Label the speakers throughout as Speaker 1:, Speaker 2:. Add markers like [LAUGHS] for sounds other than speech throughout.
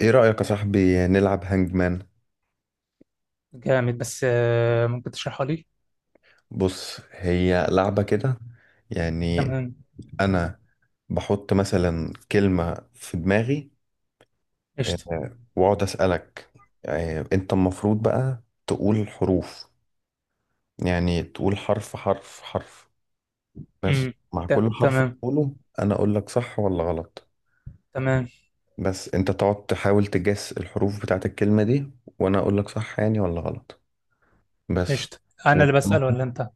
Speaker 1: ايه رأيك يا صاحبي نلعب هانج مان؟
Speaker 2: جامد بس ممكن تشرحها لي.
Speaker 1: بص، هي لعبة كده. يعني
Speaker 2: تمام،
Speaker 1: انا بحط مثلا كلمة في دماغي،
Speaker 2: قشطة.
Speaker 1: واقعد اسألك. انت المفروض بقى تقول حروف، يعني تقول حرف حرف حرف بس.
Speaker 2: امم.
Speaker 1: مع
Speaker 2: ت-
Speaker 1: كل حرف
Speaker 2: تمام
Speaker 1: تقوله انا اقول لك صح ولا غلط.
Speaker 2: تمام،
Speaker 1: بس انت تقعد تحاول تجس الحروف بتاعت الكلمة دي، وانا اقول لك صح يعني ولا غلط بس.
Speaker 2: قشطة. انا
Speaker 1: وانت
Speaker 2: اللي بسأل
Speaker 1: مثلاً،
Speaker 2: ولا انت؟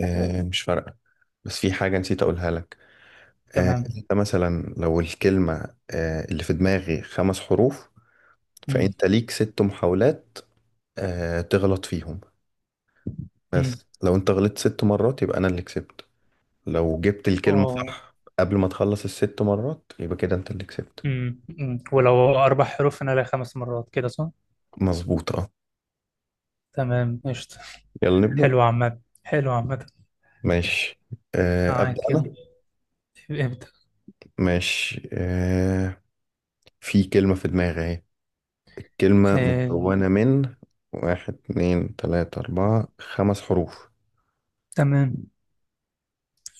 Speaker 1: مش فارقة. بس في حاجة نسيت أقولها لك.
Speaker 2: تمام.
Speaker 1: أنت مثلا لو الكلمة اللي في دماغي خمس حروف،
Speaker 2: امم.
Speaker 1: فأنت ليك ست محاولات تغلط فيهم.
Speaker 2: امم.
Speaker 1: بس لو أنت غلطت ست مرات يبقى أنا اللي كسبت. لو جبت الكلمة
Speaker 2: اه.
Speaker 1: صح قبل ما تخلص الست مرات يبقى كده أنت اللي كسبت.
Speaker 2: امم. أمم. ولو 4 حروف انا لها 5 مرات، كده صح؟
Speaker 1: مظبوط أه.
Speaker 2: تمام، قشطة.
Speaker 1: يلا نبدأ.
Speaker 2: حلو عامة، حلو عامة.
Speaker 1: ماشي، أبدأ
Speaker 2: معاك، يلا
Speaker 1: أنا.
Speaker 2: ابدأ.
Speaker 1: ماشي في كلمة في دماغي أهي. الكلمة
Speaker 2: آه،
Speaker 1: مكونة من واحد اتنين تلاتة أربعة خمس حروف.
Speaker 2: تمام.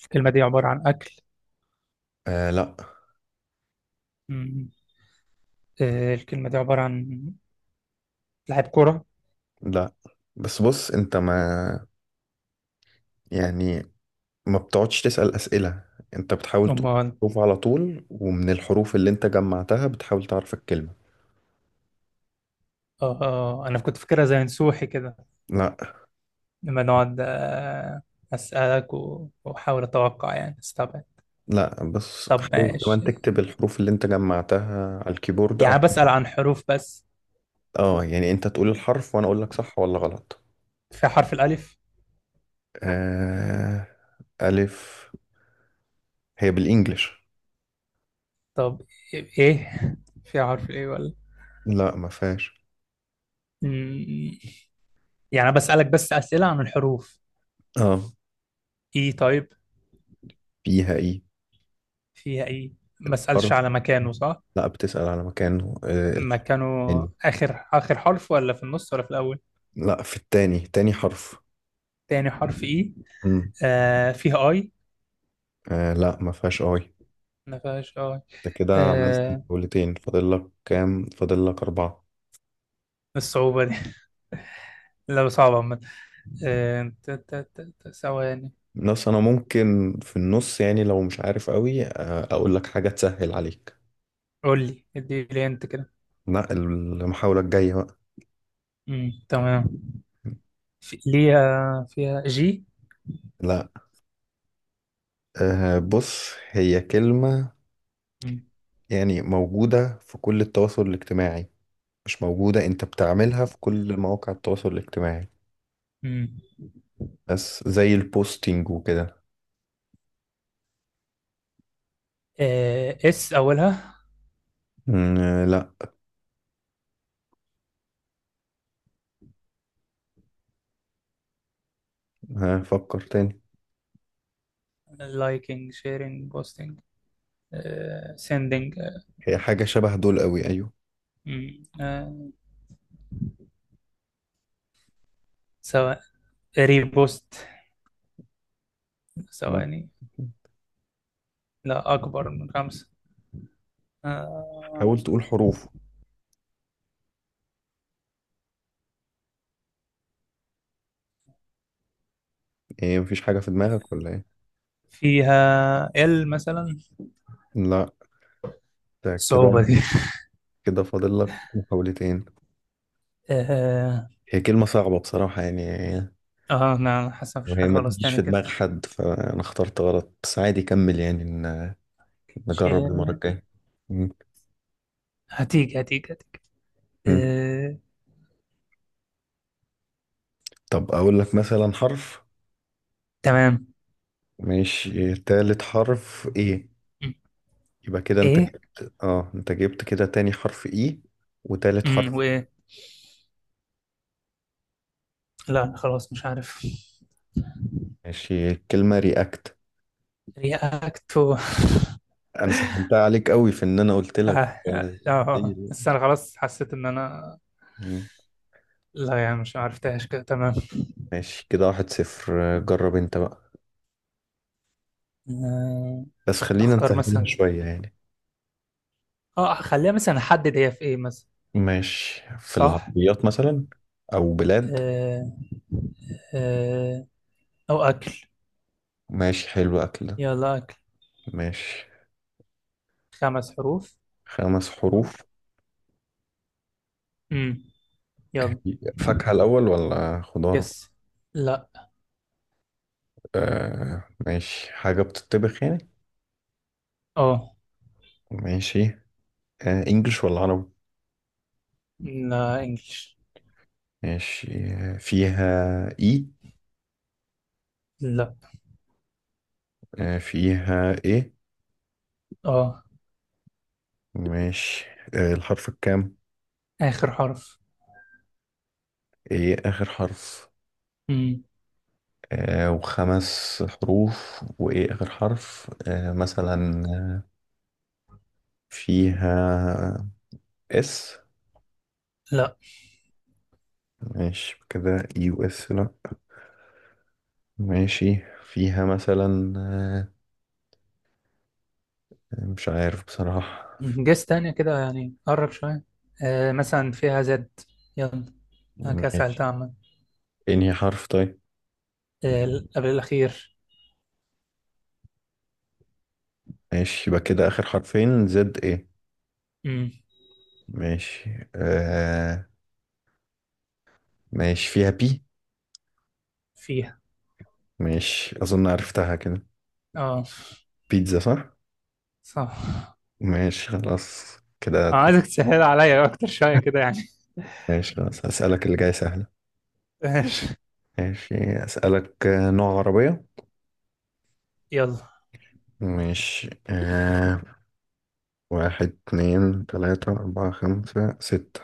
Speaker 2: الكلمة دي عبارة عن أكل.
Speaker 1: آه لا.
Speaker 2: أمم. الكلمة دي عبارة عن لاعب كرة.
Speaker 1: لا بس بص، انت ما يعني ما بتقعدش تسأل أسئلة. انت بتحاول تقول
Speaker 2: أمال.
Speaker 1: الحروف على طول، ومن الحروف اللي انت جمعتها بتحاول تعرف الكلمة.
Speaker 2: آه، آه، آه. أنا كنت فاكرها زي نسوحي كده.
Speaker 1: لا.
Speaker 2: لما نقعد أسألك و- وأحاول أتوقع، يعني استبعد.
Speaker 1: لا بس
Speaker 2: طب
Speaker 1: حاول كمان
Speaker 2: ماشي.
Speaker 1: تكتب الحروف اللي انت جمعتها على الكيبورد او.
Speaker 2: يعني بسأل عن حروف بس.
Speaker 1: اه يعني انت تقول الحرف وانا اقول لك صح ولا غلط.
Speaker 2: في حرف الألف.
Speaker 1: آه. ألف، هي بالإنجلش.
Speaker 2: طب، إيه؟ في حرف الإيه ولا؟
Speaker 1: لا ما فيهاش.
Speaker 2: مم، يعني بسألك بس أسئلة عن الحروف؟
Speaker 1: اه.
Speaker 2: إيه، طيب.
Speaker 1: فيها ايه
Speaker 2: فيها إيه؟ ما أسألش
Speaker 1: حرف.
Speaker 2: على مكانه، صح؟
Speaker 1: لا بتسأل على مكانه الحرف
Speaker 2: مكانه.
Speaker 1: يعني.
Speaker 2: آخر آخر حرف، ولا في النص، ولا في الأول؟
Speaker 1: لا، في التاني، تاني حرف.
Speaker 2: تاني حرف إيه؟
Speaker 1: مم.
Speaker 2: آه، فيها آي؟
Speaker 1: آه لا، ما فيهاش اي.
Speaker 2: ما فيهاش آي.
Speaker 1: انت كده عملت
Speaker 2: آه،
Speaker 1: جولتين، فاضل لك كام؟ فاضل لك اربعة.
Speaker 2: الصعوبة دي [LAUGHS] لا، صعبة عامة. ثواني.
Speaker 1: بس انا ممكن في النص يعني لو مش عارف قوي اقول لك حاجة تسهل عليك.
Speaker 2: قول لي، ادي لي انت كده.
Speaker 1: لا، المحاولة الجاية بقى.
Speaker 2: امم، تمام. في ليها فيها جي؟
Speaker 1: لا. آه بص، هي كلمة
Speaker 2: امم.
Speaker 1: يعني موجودة في كل التواصل الاجتماعي. مش موجودة، انت بتعملها في كل مواقع التواصل الاجتماعي.
Speaker 2: امم.
Speaker 1: بس زي البوستينج وكده.
Speaker 2: آه، اس اولها؟
Speaker 1: آه لا. آه فكر تاني.
Speaker 2: لايكينج، شيرينج، بوستينج، سيندينج.
Speaker 1: هي حاجة شبه دول قوي، ايوه.
Speaker 2: سواء ريبوست.
Speaker 1: لا.
Speaker 2: ثواني. لا، اكبر من 5. آه،
Speaker 1: حاول تقول حروف. ايه مفيش حاجة في دماغك ولا ايه؟
Speaker 2: فيها ال مثلا؟
Speaker 1: لا. ده
Speaker 2: الصعوبة
Speaker 1: كده،
Speaker 2: دي.
Speaker 1: كده فاضل لك محاولتين.
Speaker 2: اه.
Speaker 1: هي كلمة صعبة بصراحة يعني.
Speaker 2: انا حاسس مفيش
Speaker 1: وهي
Speaker 2: حاجة
Speaker 1: ما
Speaker 2: خلاص
Speaker 1: تجيش
Speaker 2: تاني
Speaker 1: في
Speaker 2: كده.
Speaker 1: دماغ حد، فانا اخترت غلط. بس عادي كمل يعني نجرب المرة
Speaker 2: شيرين.
Speaker 1: الجاية. مم.
Speaker 2: هتيجي هتيجي هتيجي.
Speaker 1: مم.
Speaker 2: آه،
Speaker 1: طب اقول لك مثلا حرف.
Speaker 2: تمام.
Speaker 1: ماشي، تالت حرف ايه؟
Speaker 2: م.
Speaker 1: يبقى كده انت
Speaker 2: ايه؟
Speaker 1: جبت، اه انت جبت كده تاني حرف ايه وتالت
Speaker 2: م،
Speaker 1: حرف.
Speaker 2: وايه؟ لا، خلاص مش عارف.
Speaker 1: ماشي، كلمة رياكت.
Speaker 2: رياكت.
Speaker 1: انا سهلتها عليك قوي في ان انا قلت
Speaker 2: آه،
Speaker 1: لك.
Speaker 2: آه، آه. بس أنا خلاص حسيت إن أنا.
Speaker 1: مم.
Speaker 2: لا، يعني مش عرفتهاش كده، تمام.
Speaker 1: ماشي كده، واحد صفر. جرب انت بقى.
Speaker 2: آه،
Speaker 1: بس خلينا
Speaker 2: أختار
Speaker 1: نسهلها
Speaker 2: مثلا.
Speaker 1: شوية يعني.
Speaker 2: أه، خليها مثلا أحدد هي في إيه مثلا.
Speaker 1: ماشي، في
Speaker 2: صح.
Speaker 1: العربيات مثلا، أو بلاد.
Speaker 2: آه، آه. أو أكل.
Speaker 1: ماشي حلو، أكل ده.
Speaker 2: يلا، أكل.
Speaker 1: ماشي.
Speaker 2: 5 حروف.
Speaker 1: خمس حروف.
Speaker 2: امم، يلا.
Speaker 1: فاكهة الأول ولا خضار؟
Speaker 2: يس. لا.
Speaker 1: آه ماشي، حاجة بتطبخ يعني.
Speaker 2: أه.
Speaker 1: ماشي. إنجلش ولا عربي؟
Speaker 2: لا، إنجلش.
Speaker 1: ماشي. فيها إي؟
Speaker 2: لا.
Speaker 1: آه فيها إيه.
Speaker 2: أه،
Speaker 1: ماشي. الحرف الكام؟
Speaker 2: آخر حرف.
Speaker 1: إيه، آخر حرف.
Speaker 2: امم.
Speaker 1: وخمس حروف وإيه آخر حرف؟ مثلا فيها اس؟
Speaker 2: لا،
Speaker 1: ماشي كده اي و اس لأ. ماشي، فيها مثلا مش عارف بصراحة.
Speaker 2: جيس تانية كده يعني قرب شوية. آه، مثلا فيها زد، يلا. أنا كده
Speaker 1: ماشي،
Speaker 2: سألتها عامة.
Speaker 1: انهي حرف طيب؟
Speaker 2: آه، ال- قبل الأخير.
Speaker 1: ماشي، يبقى كده آخر حرفين زد ايه.
Speaker 2: مم.
Speaker 1: ماشي آه. ماشي، فيها بي.
Speaker 2: فيها.
Speaker 1: ماشي أظن عرفتها كده.
Speaker 2: اه،
Speaker 1: بيتزا صح؟
Speaker 2: صح.
Speaker 1: ماشي، خلاص كده.
Speaker 2: آه، عايزك تسهل عليا أكتر شوية كده يعني.
Speaker 1: ماشي خلاص، هسألك اللي جاي سهل.
Speaker 2: ماشي،
Speaker 1: ماشي. أسألك نوع عربية.
Speaker 2: يلا.
Speaker 1: ماشي آه. واحد اتنين تلاتة أربعة خمسة ستة.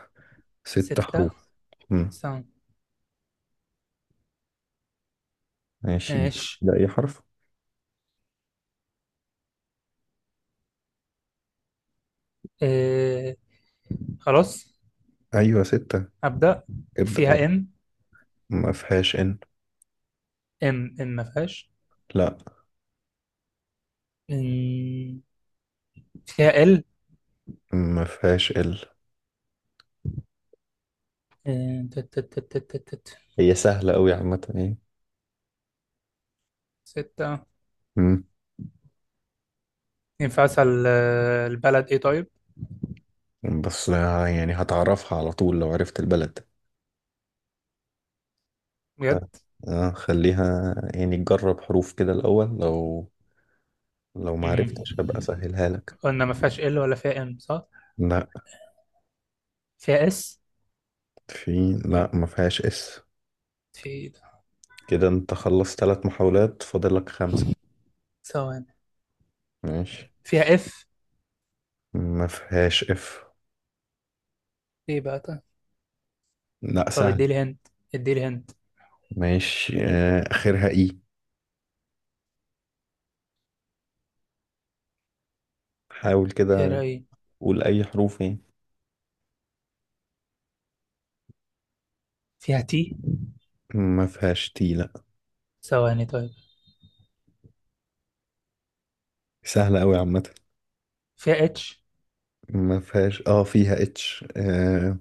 Speaker 1: ست
Speaker 2: 6.
Speaker 1: حروف. مم.
Speaker 2: سام.
Speaker 1: ماشي، جس
Speaker 2: ماشي.
Speaker 1: ده أي حرف؟
Speaker 2: آه، خلاص.
Speaker 1: أيوة ستة.
Speaker 2: أبدأ.
Speaker 1: ابدأ يعني.
Speaker 2: فيها إم.
Speaker 1: ما فيهاش إن.
Speaker 2: إم، إم، ما فيهاش.
Speaker 1: لا
Speaker 2: إم، فيها إل.
Speaker 1: ما فيهاش ال.
Speaker 2: آه، تت- تت- تت- تت- تت. تت.
Speaker 1: هي سهلة أوي عامة يعني.
Speaker 2: 6.
Speaker 1: مم.
Speaker 2: ينفع أسأل البلد إيه؟ طيب.
Speaker 1: بس يعني هتعرفها على طول لو عرفت البلد. ف-
Speaker 2: بجد؟
Speaker 1: خليها يعني تجرب حروف كده الأول. لو لو ما
Speaker 2: مم.
Speaker 1: عرفتش هبقى أسهلها لك.
Speaker 2: قلنا ما فيهاش ال، ولا فيها ام، صح؟
Speaker 1: ده.
Speaker 2: فيها اس.
Speaker 1: في، لا ما فيهاش اس.
Speaker 2: في إيه ده؟
Speaker 1: كده انت خلصت ثلاث محاولات، فاضل لك خمسة.
Speaker 2: ثواني.
Speaker 1: ماشي.
Speaker 2: فيها اف.
Speaker 1: ما فيهاش اف.
Speaker 2: ايه بقى؟ طيب.
Speaker 1: لا
Speaker 2: طب،
Speaker 1: سهل.
Speaker 2: اديلي هنت، اديلي هنت.
Speaker 1: ماشي اخرها اي. حاول
Speaker 2: خيرها
Speaker 1: كده،
Speaker 2: ايه؟
Speaker 1: قول اي حروف يعني.
Speaker 2: فيها تي.
Speaker 1: ما فيهاش تي، لا.
Speaker 2: ثواني، طيب.
Speaker 1: سهلة قوي عامة.
Speaker 2: فيها اتش.
Speaker 1: ما فيهاش. اه فيها اتش، آه.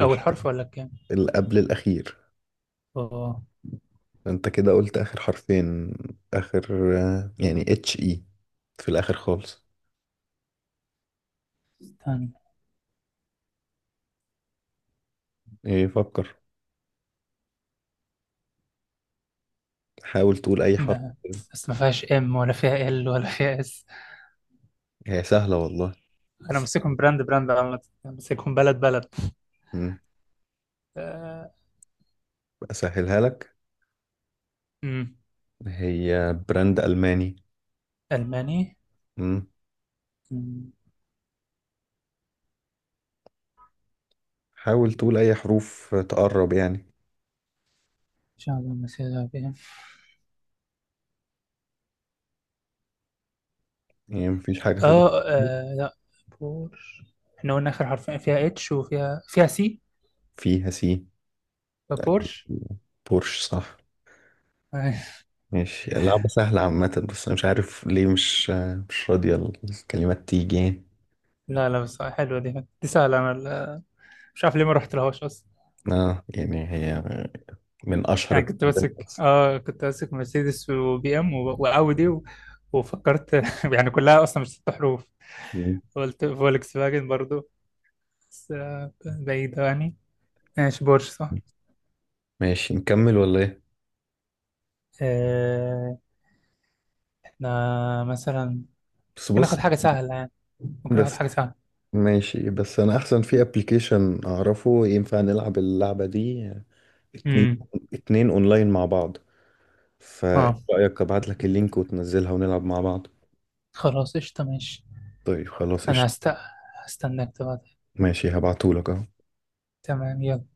Speaker 1: الح-
Speaker 2: اول حرف ولا كام؟
Speaker 1: اللي قبل الاخير.
Speaker 2: اه.
Speaker 1: انت كده قلت اخر حرفين، اخر يعني اتش اي في الاخر خالص.
Speaker 2: استنى.
Speaker 1: ايه فكر، حاول تقول اي حرف.
Speaker 2: ما بس ما فيهاش ام، ولا فيها ال، ولا فيها اس.
Speaker 1: هي سهلة والله.
Speaker 2: انا ماسكهم براند براند عامة. أنا ماسكهم بلد بلد.
Speaker 1: مم.
Speaker 2: آه.
Speaker 1: أسهلها لك.
Speaker 2: أمم.
Speaker 1: هي براند ألماني.
Speaker 2: الماني.
Speaker 1: مم.
Speaker 2: أمم.
Speaker 1: حاول تقول أي حروف تقرب يعني.
Speaker 2: ان شاء الله مسيرها بيه.
Speaker 1: يعني مفيش حاجة في
Speaker 2: اه،
Speaker 1: دماغك.
Speaker 2: آه، لا. بور. احنا قلنا اخر حرفين فيها اتش، وفيها سي.
Speaker 1: فيها سي؟ أكيد،
Speaker 2: بورش.
Speaker 1: بورش صح.
Speaker 2: أي.
Speaker 1: ماشي، لعبة سهلة عامة بس أنا مش عارف ليه مش، مش راضية الكلمات تيجي يعني.
Speaker 2: لا، لا، بس حلوة. دي سهلة. أنا مش عارف ليه ما رحت لهاش أصلا.
Speaker 1: آه يعني هي من أشهر
Speaker 2: يعني كنت
Speaker 1: البراندات
Speaker 2: ماسك
Speaker 1: أصلا.
Speaker 2: آه كنت ماسك مرسيدس، وبي إم، وأودي. وفكرت [LAUGHS] يعني كلها أصلا مش 6 حروف.
Speaker 1: مم.
Speaker 2: قلت فولكس فاجن برضو. بس بعيدة يعني. ماشي، بورش صح.
Speaker 1: ماشي نكمل ولا إيه؟
Speaker 2: آه، إحنا مثلا
Speaker 1: بس
Speaker 2: ممكن
Speaker 1: بص.
Speaker 2: ناخد حاجة سهلة يعني، ممكن ناخد حاجة
Speaker 1: بس
Speaker 2: سهلة.
Speaker 1: ماشي، بس أنا أحسن في أبليكيشن أعرفه ينفع نلعب اللعبة دي اتنين
Speaker 2: امم.
Speaker 1: اتنين اونلاين مع بعض. فايه
Speaker 2: اه.
Speaker 1: رأيك ابعت لك اللينك وتنزلها ونلعب مع بعض.
Speaker 2: خلاص، قشطة، ماشي.
Speaker 1: طيب خلاص
Speaker 2: أنا
Speaker 1: قشطة.
Speaker 2: هستناك تبعت.
Speaker 1: ماشي هبعتهولك اهو.
Speaker 2: تمام، يلا.